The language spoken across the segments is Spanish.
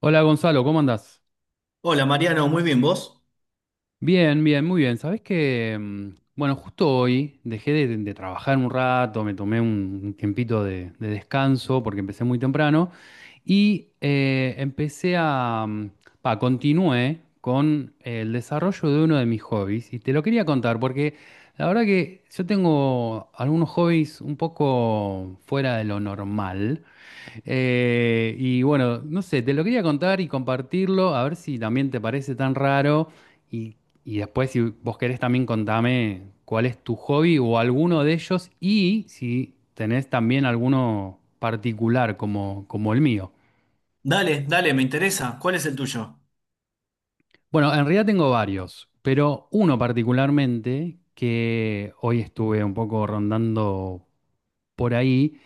Hola Gonzalo, ¿cómo andás? Hola Mariano, muy bien, ¿vos? Bien, bien, muy bien. Sabés que, bueno, justo hoy dejé de trabajar un rato, me tomé un tiempito de descanso porque empecé muy temprano y empecé a, mm, pa, continué con el desarrollo de uno de mis hobbies y te lo quería contar porque la verdad que yo tengo algunos hobbies un poco fuera de lo normal. Y bueno, no sé, te lo quería contar y compartirlo, a ver si también te parece tan raro. Y, y después, si vos querés, también contame cuál es tu hobby o alguno de ellos y si tenés también alguno particular como el mío. Dale, dale, me interesa. ¿Cuál es el tuyo? Bueno, en realidad tengo varios, pero uno particularmente que hoy estuve un poco rondando por ahí.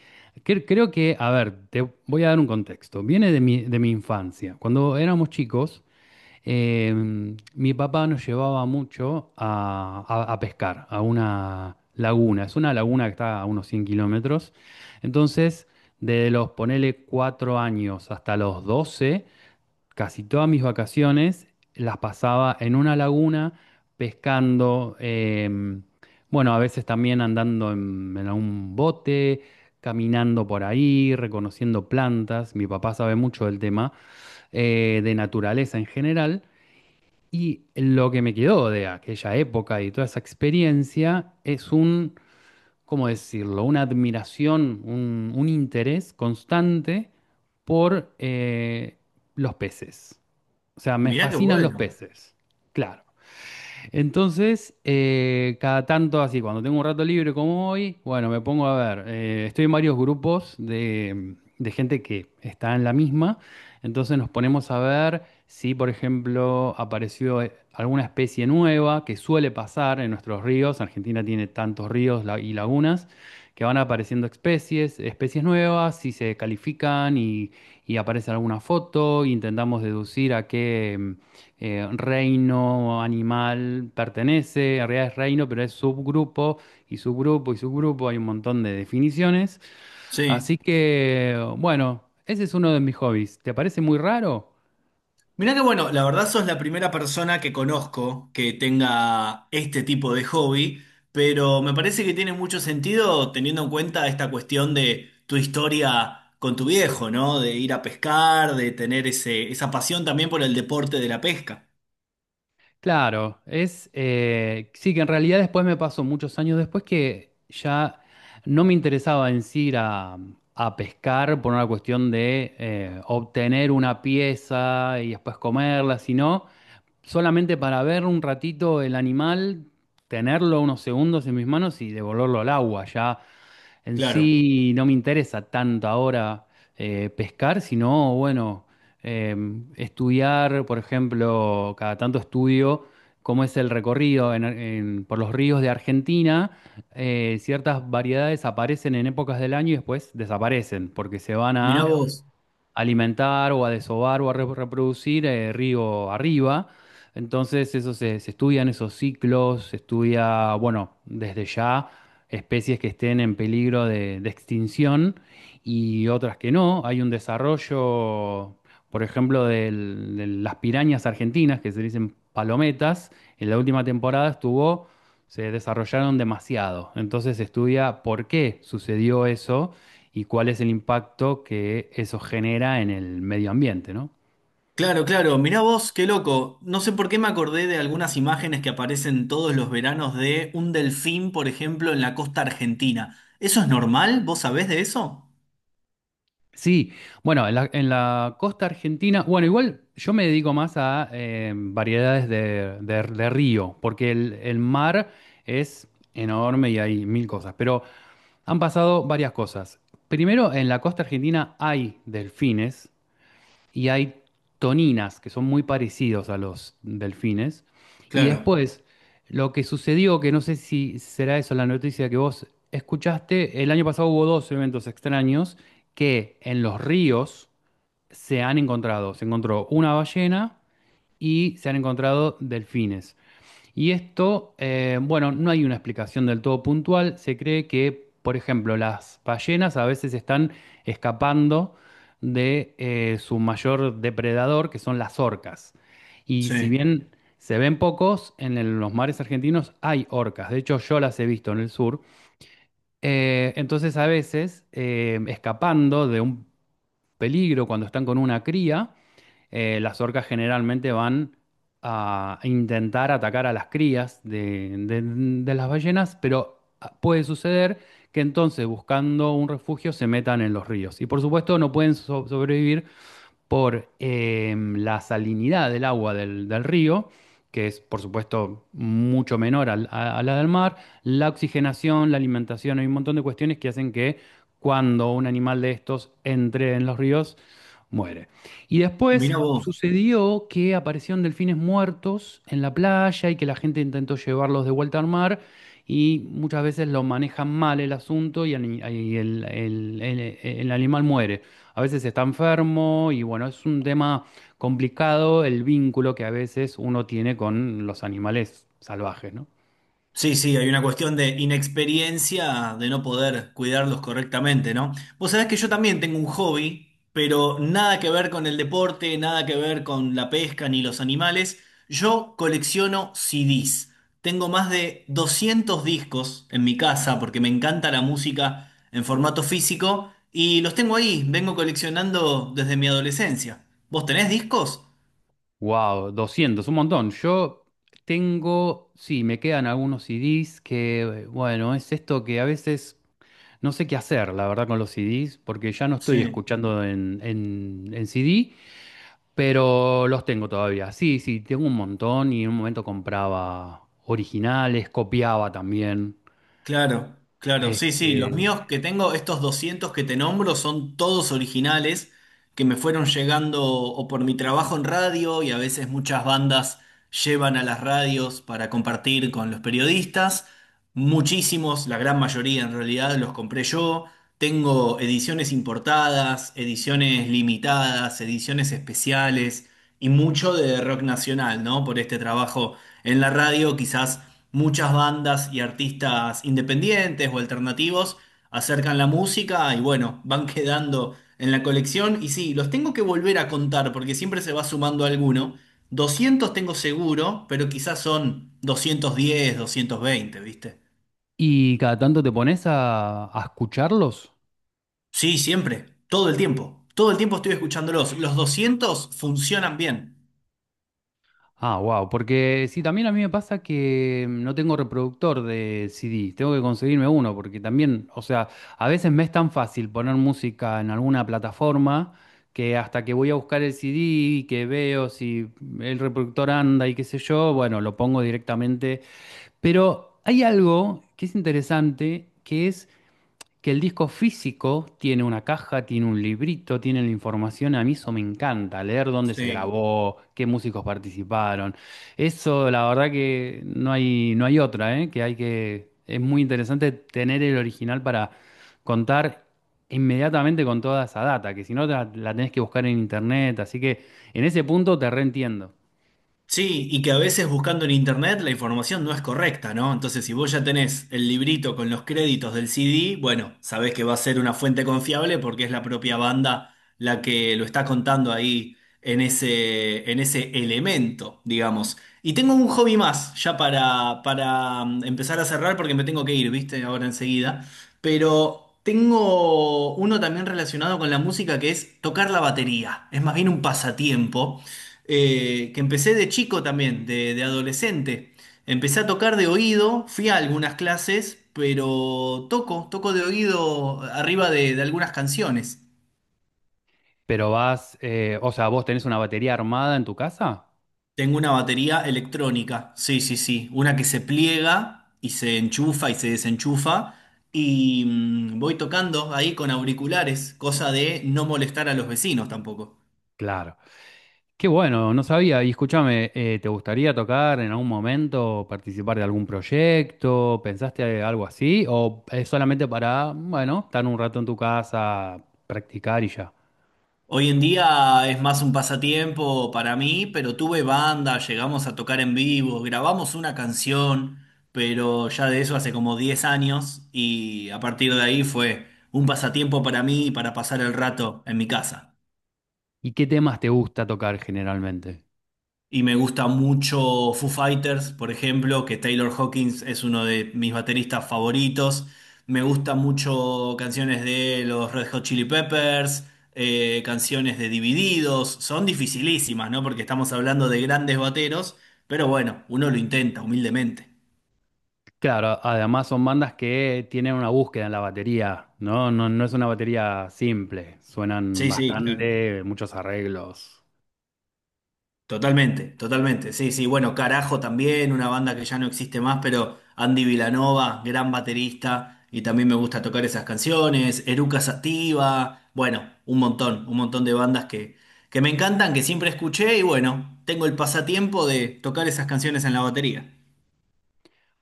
Creo que, a ver, te voy a dar un contexto. Viene de mi infancia. Cuando éramos chicos, mi papá nos llevaba mucho a pescar, a una laguna. Es una laguna que está a unos 100 kilómetros. Entonces, de los, ponele, 4 años hasta los 12, casi todas mis vacaciones las pasaba en una laguna pescando. Bueno, a veces también andando en un bote, caminando por ahí, reconociendo plantas. Mi papá sabe mucho del tema de naturaleza en general. Y lo que me quedó de aquella época y toda esa experiencia es un, ¿cómo decirlo? Una admiración, un interés constante por los peces. O sea, me Mirá qué fascinan los bueno. peces. Claro. Entonces, cada tanto así, cuando tengo un rato libre como hoy, bueno, me pongo a ver. Estoy en varios grupos de gente que está en la misma. Entonces nos ponemos a ver si, por ejemplo, apareció alguna especie nueva que suele pasar en nuestros ríos. Argentina tiene tantos ríos y lagunas que van apareciendo especies, especies nuevas, si se califican y aparece alguna foto, intentamos deducir a qué reino animal pertenece, en realidad es reino, pero es subgrupo y subgrupo y subgrupo, hay un montón de definiciones. Sí. Así que, bueno, ese es uno de mis hobbies. ¿Te parece muy raro? Mirá qué bueno, la verdad sos la primera persona que conozco que tenga este tipo de hobby, pero me parece que tiene mucho sentido teniendo en cuenta esta cuestión de tu historia con tu viejo, ¿no? De ir a pescar, de tener esa pasión también por el deporte de la pesca. Claro, es sí que en realidad después me pasó muchos años después que ya no me interesaba en sí ir a pescar por una cuestión de obtener una pieza y después comerla, sino solamente para ver un ratito el animal, tenerlo unos segundos en mis manos y devolverlo al agua. Ya en Claro. sí no me interesa tanto ahora pescar, sino bueno eh, estudiar, por ejemplo, cada tanto estudio cómo es el recorrido por los ríos de Argentina. Ciertas variedades aparecen en épocas del año y después desaparecen porque se van Mirá a Mira, vos. Alimentar o a desovar o a reproducir río arriba. Entonces, eso se estudian esos ciclos, se estudia, bueno, desde ya especies que estén en peligro de extinción y otras que no. Hay un desarrollo, por ejemplo, de las pirañas argentinas, que se dicen palometas. En la última temporada estuvo, se desarrollaron demasiado. Entonces, se estudia por qué sucedió eso y cuál es el impacto que eso genera en el medio ambiente, ¿no? Claro, claro. Mirá vos, qué loco. No sé por qué me acordé de algunas imágenes que aparecen todos los veranos de un delfín, por ejemplo, en la costa argentina. ¿Eso es normal? ¿Vos sabés de eso? Sí, bueno, en en la costa argentina, bueno, igual yo me dedico más a variedades de río, porque el mar es enorme y hay mil cosas, pero han pasado varias cosas. Primero, en la costa argentina hay delfines, y hay toninas, que son muy parecidos a los delfines. Y Claro, después, lo que sucedió, que no sé si será eso la noticia que vos escuchaste, el año pasado hubo dos eventos extraños que en los ríos se han encontrado. Se encontró una ballena y se han encontrado delfines. Y esto, bueno, no hay una explicación del todo puntual. Se cree que, por ejemplo, las ballenas a veces están escapando de su mayor depredador, que son las orcas. Y si sí. bien se ven pocos, en los mares argentinos hay orcas. De hecho, yo las he visto en el sur. Entonces, a veces, escapando de un peligro cuando están con una cría, las orcas generalmente van a intentar atacar a las crías de las ballenas, pero puede suceder que entonces buscando un refugio se metan en los ríos. Y por supuesto no pueden sobrevivir por la salinidad del agua del río, que es por supuesto mucho menor a la del mar, la oxigenación, la alimentación, hay un montón de cuestiones que hacen que cuando un animal de estos entre en los ríos, muere. Y después Mirá vos. sucedió que aparecieron delfines muertos en la playa y que la gente intentó llevarlos de vuelta al mar y muchas veces lo manejan mal el asunto y el animal muere a veces está enfermo y bueno, es un tema complicado el vínculo que a veces uno tiene con los animales salvajes, ¿no? Sí, sí, hay una cuestión de inexperiencia, de no poder cuidarlos correctamente, ¿no? Vos sabés que yo también tengo un hobby, pero nada que ver con el deporte, nada que ver con la pesca ni los animales. Yo colecciono CDs. Tengo más de 200 discos en mi casa porque me encanta la música en formato físico y los tengo ahí, vengo coleccionando desde mi adolescencia. ¿Vos tenés discos? Wow, 200, un montón. Yo tengo, sí, me quedan algunos CDs que, bueno, es esto que a veces no sé qué hacer, la verdad, con los CDs, porque ya no estoy Sí. escuchando en CD, pero los tengo todavía. Sí, sí, tengo un montón y en un momento compraba originales, copiaba también. Claro, claro, sí, sí, los Eh, míos que tengo, estos 200 que te nombro, son todos originales que me fueron llegando o por mi trabajo en radio y a veces muchas bandas llevan a las radios para compartir con los periodistas. Muchísimos, la gran mayoría en realidad, los compré yo. Tengo ediciones importadas, ediciones limitadas, ediciones especiales y mucho de rock nacional, ¿no? Por este trabajo en la radio, quizás muchas bandas y artistas independientes o alternativos acercan la música y bueno, van quedando en la colección. Y sí, los tengo que volver a contar porque siempre se va sumando alguno. 200 tengo seguro, pero quizás son 210, 220, ¿viste? ¿Y cada tanto te pones a escucharlos? Sí, siempre, todo el tiempo. Todo el tiempo estoy escuchándolos. Los 200 funcionan bien. Ah, wow, porque sí, también a mí me pasa que no tengo reproductor de CD, tengo que conseguirme uno, porque también, o sea, a veces me es tan fácil poner música en alguna plataforma que hasta que voy a buscar el CD y que veo si el reproductor anda y qué sé yo, bueno, lo pongo directamente. Pero hay algo que es interesante, que es que el disco físico tiene una caja, tiene un librito, tiene la información. A mí eso me encanta, leer dónde se Sí. grabó, qué músicos participaron. Eso, la verdad que no hay otra, ¿eh? Que hay que, es muy interesante tener el original para contar inmediatamente con toda esa data, que si no la tenés que buscar en internet. Así que en ese punto te reentiendo. Sí, y que a veces buscando en internet la información no es correcta, ¿no? Entonces, si vos ya tenés el librito con los créditos del CD, bueno, sabés que va a ser una fuente confiable porque es la propia banda la que lo está contando ahí en ese elemento, digamos. Y tengo un hobby más ya para empezar a cerrar porque me tengo que ir, ¿viste? Ahora enseguida. Pero tengo uno también relacionado con la música que es tocar la batería. Es más bien un pasatiempo que empecé de chico también, de adolescente. Empecé a tocar de oído, fui a algunas clases, pero toco de oído arriba de algunas canciones. Pero vas, o sea, ¿vos tenés una batería armada en tu casa? Tengo una batería electrónica, sí, sí, sí, una que se pliega y se enchufa y se desenchufa y voy tocando ahí con auriculares, cosa de no molestar a los vecinos tampoco. Claro. Qué bueno, no sabía. Y escúchame, ¿te gustaría tocar en algún momento, participar de algún proyecto? ¿Pensaste algo así? ¿O es solamente para, bueno, estar un rato en tu casa, practicar y ya? Hoy en día es más un pasatiempo para mí, pero tuve banda, llegamos a tocar en vivo, grabamos una canción, pero ya de eso hace como 10 años y a partir de ahí fue un pasatiempo para mí y para pasar el rato en mi casa. ¿Y qué temas te gusta tocar generalmente? Y me gusta mucho Foo Fighters, por ejemplo, que Taylor Hawkins es uno de mis bateristas favoritos. Me gusta mucho canciones de los Red Hot Chili Peppers, canciones de Divididos. Son dificilísimas, ¿no? Porque estamos hablando de grandes bateros, pero bueno, uno lo intenta humildemente. Claro, además son bandas que tienen una búsqueda en la batería, ¿no? No, no es una batería simple, suenan Sí, sí, claro. bastante, muchos arreglos. Totalmente, totalmente. Sí, sí, bueno, Carajo también, una banda que ya no existe más, pero Andy Vilanova, gran baterista, y también me gusta tocar esas canciones, Eruca Sativa, bueno, un montón de bandas que me encantan, que siempre escuché, y bueno, tengo el pasatiempo de tocar esas canciones en la batería.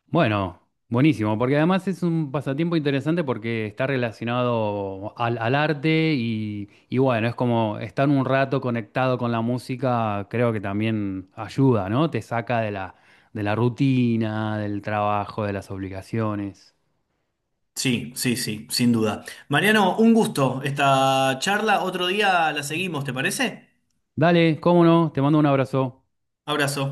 Bueno, buenísimo, porque además es un pasatiempo interesante porque está relacionado al arte y bueno, es como estar un rato conectado con la música, creo que también ayuda, ¿no? Te saca de de la rutina, del trabajo, de las obligaciones. Sí, sí, sí, sin duda. Mariano, un gusto esta charla, otro día la seguimos, ¿te parece? Dale, cómo no, te mando un abrazo. Abrazo.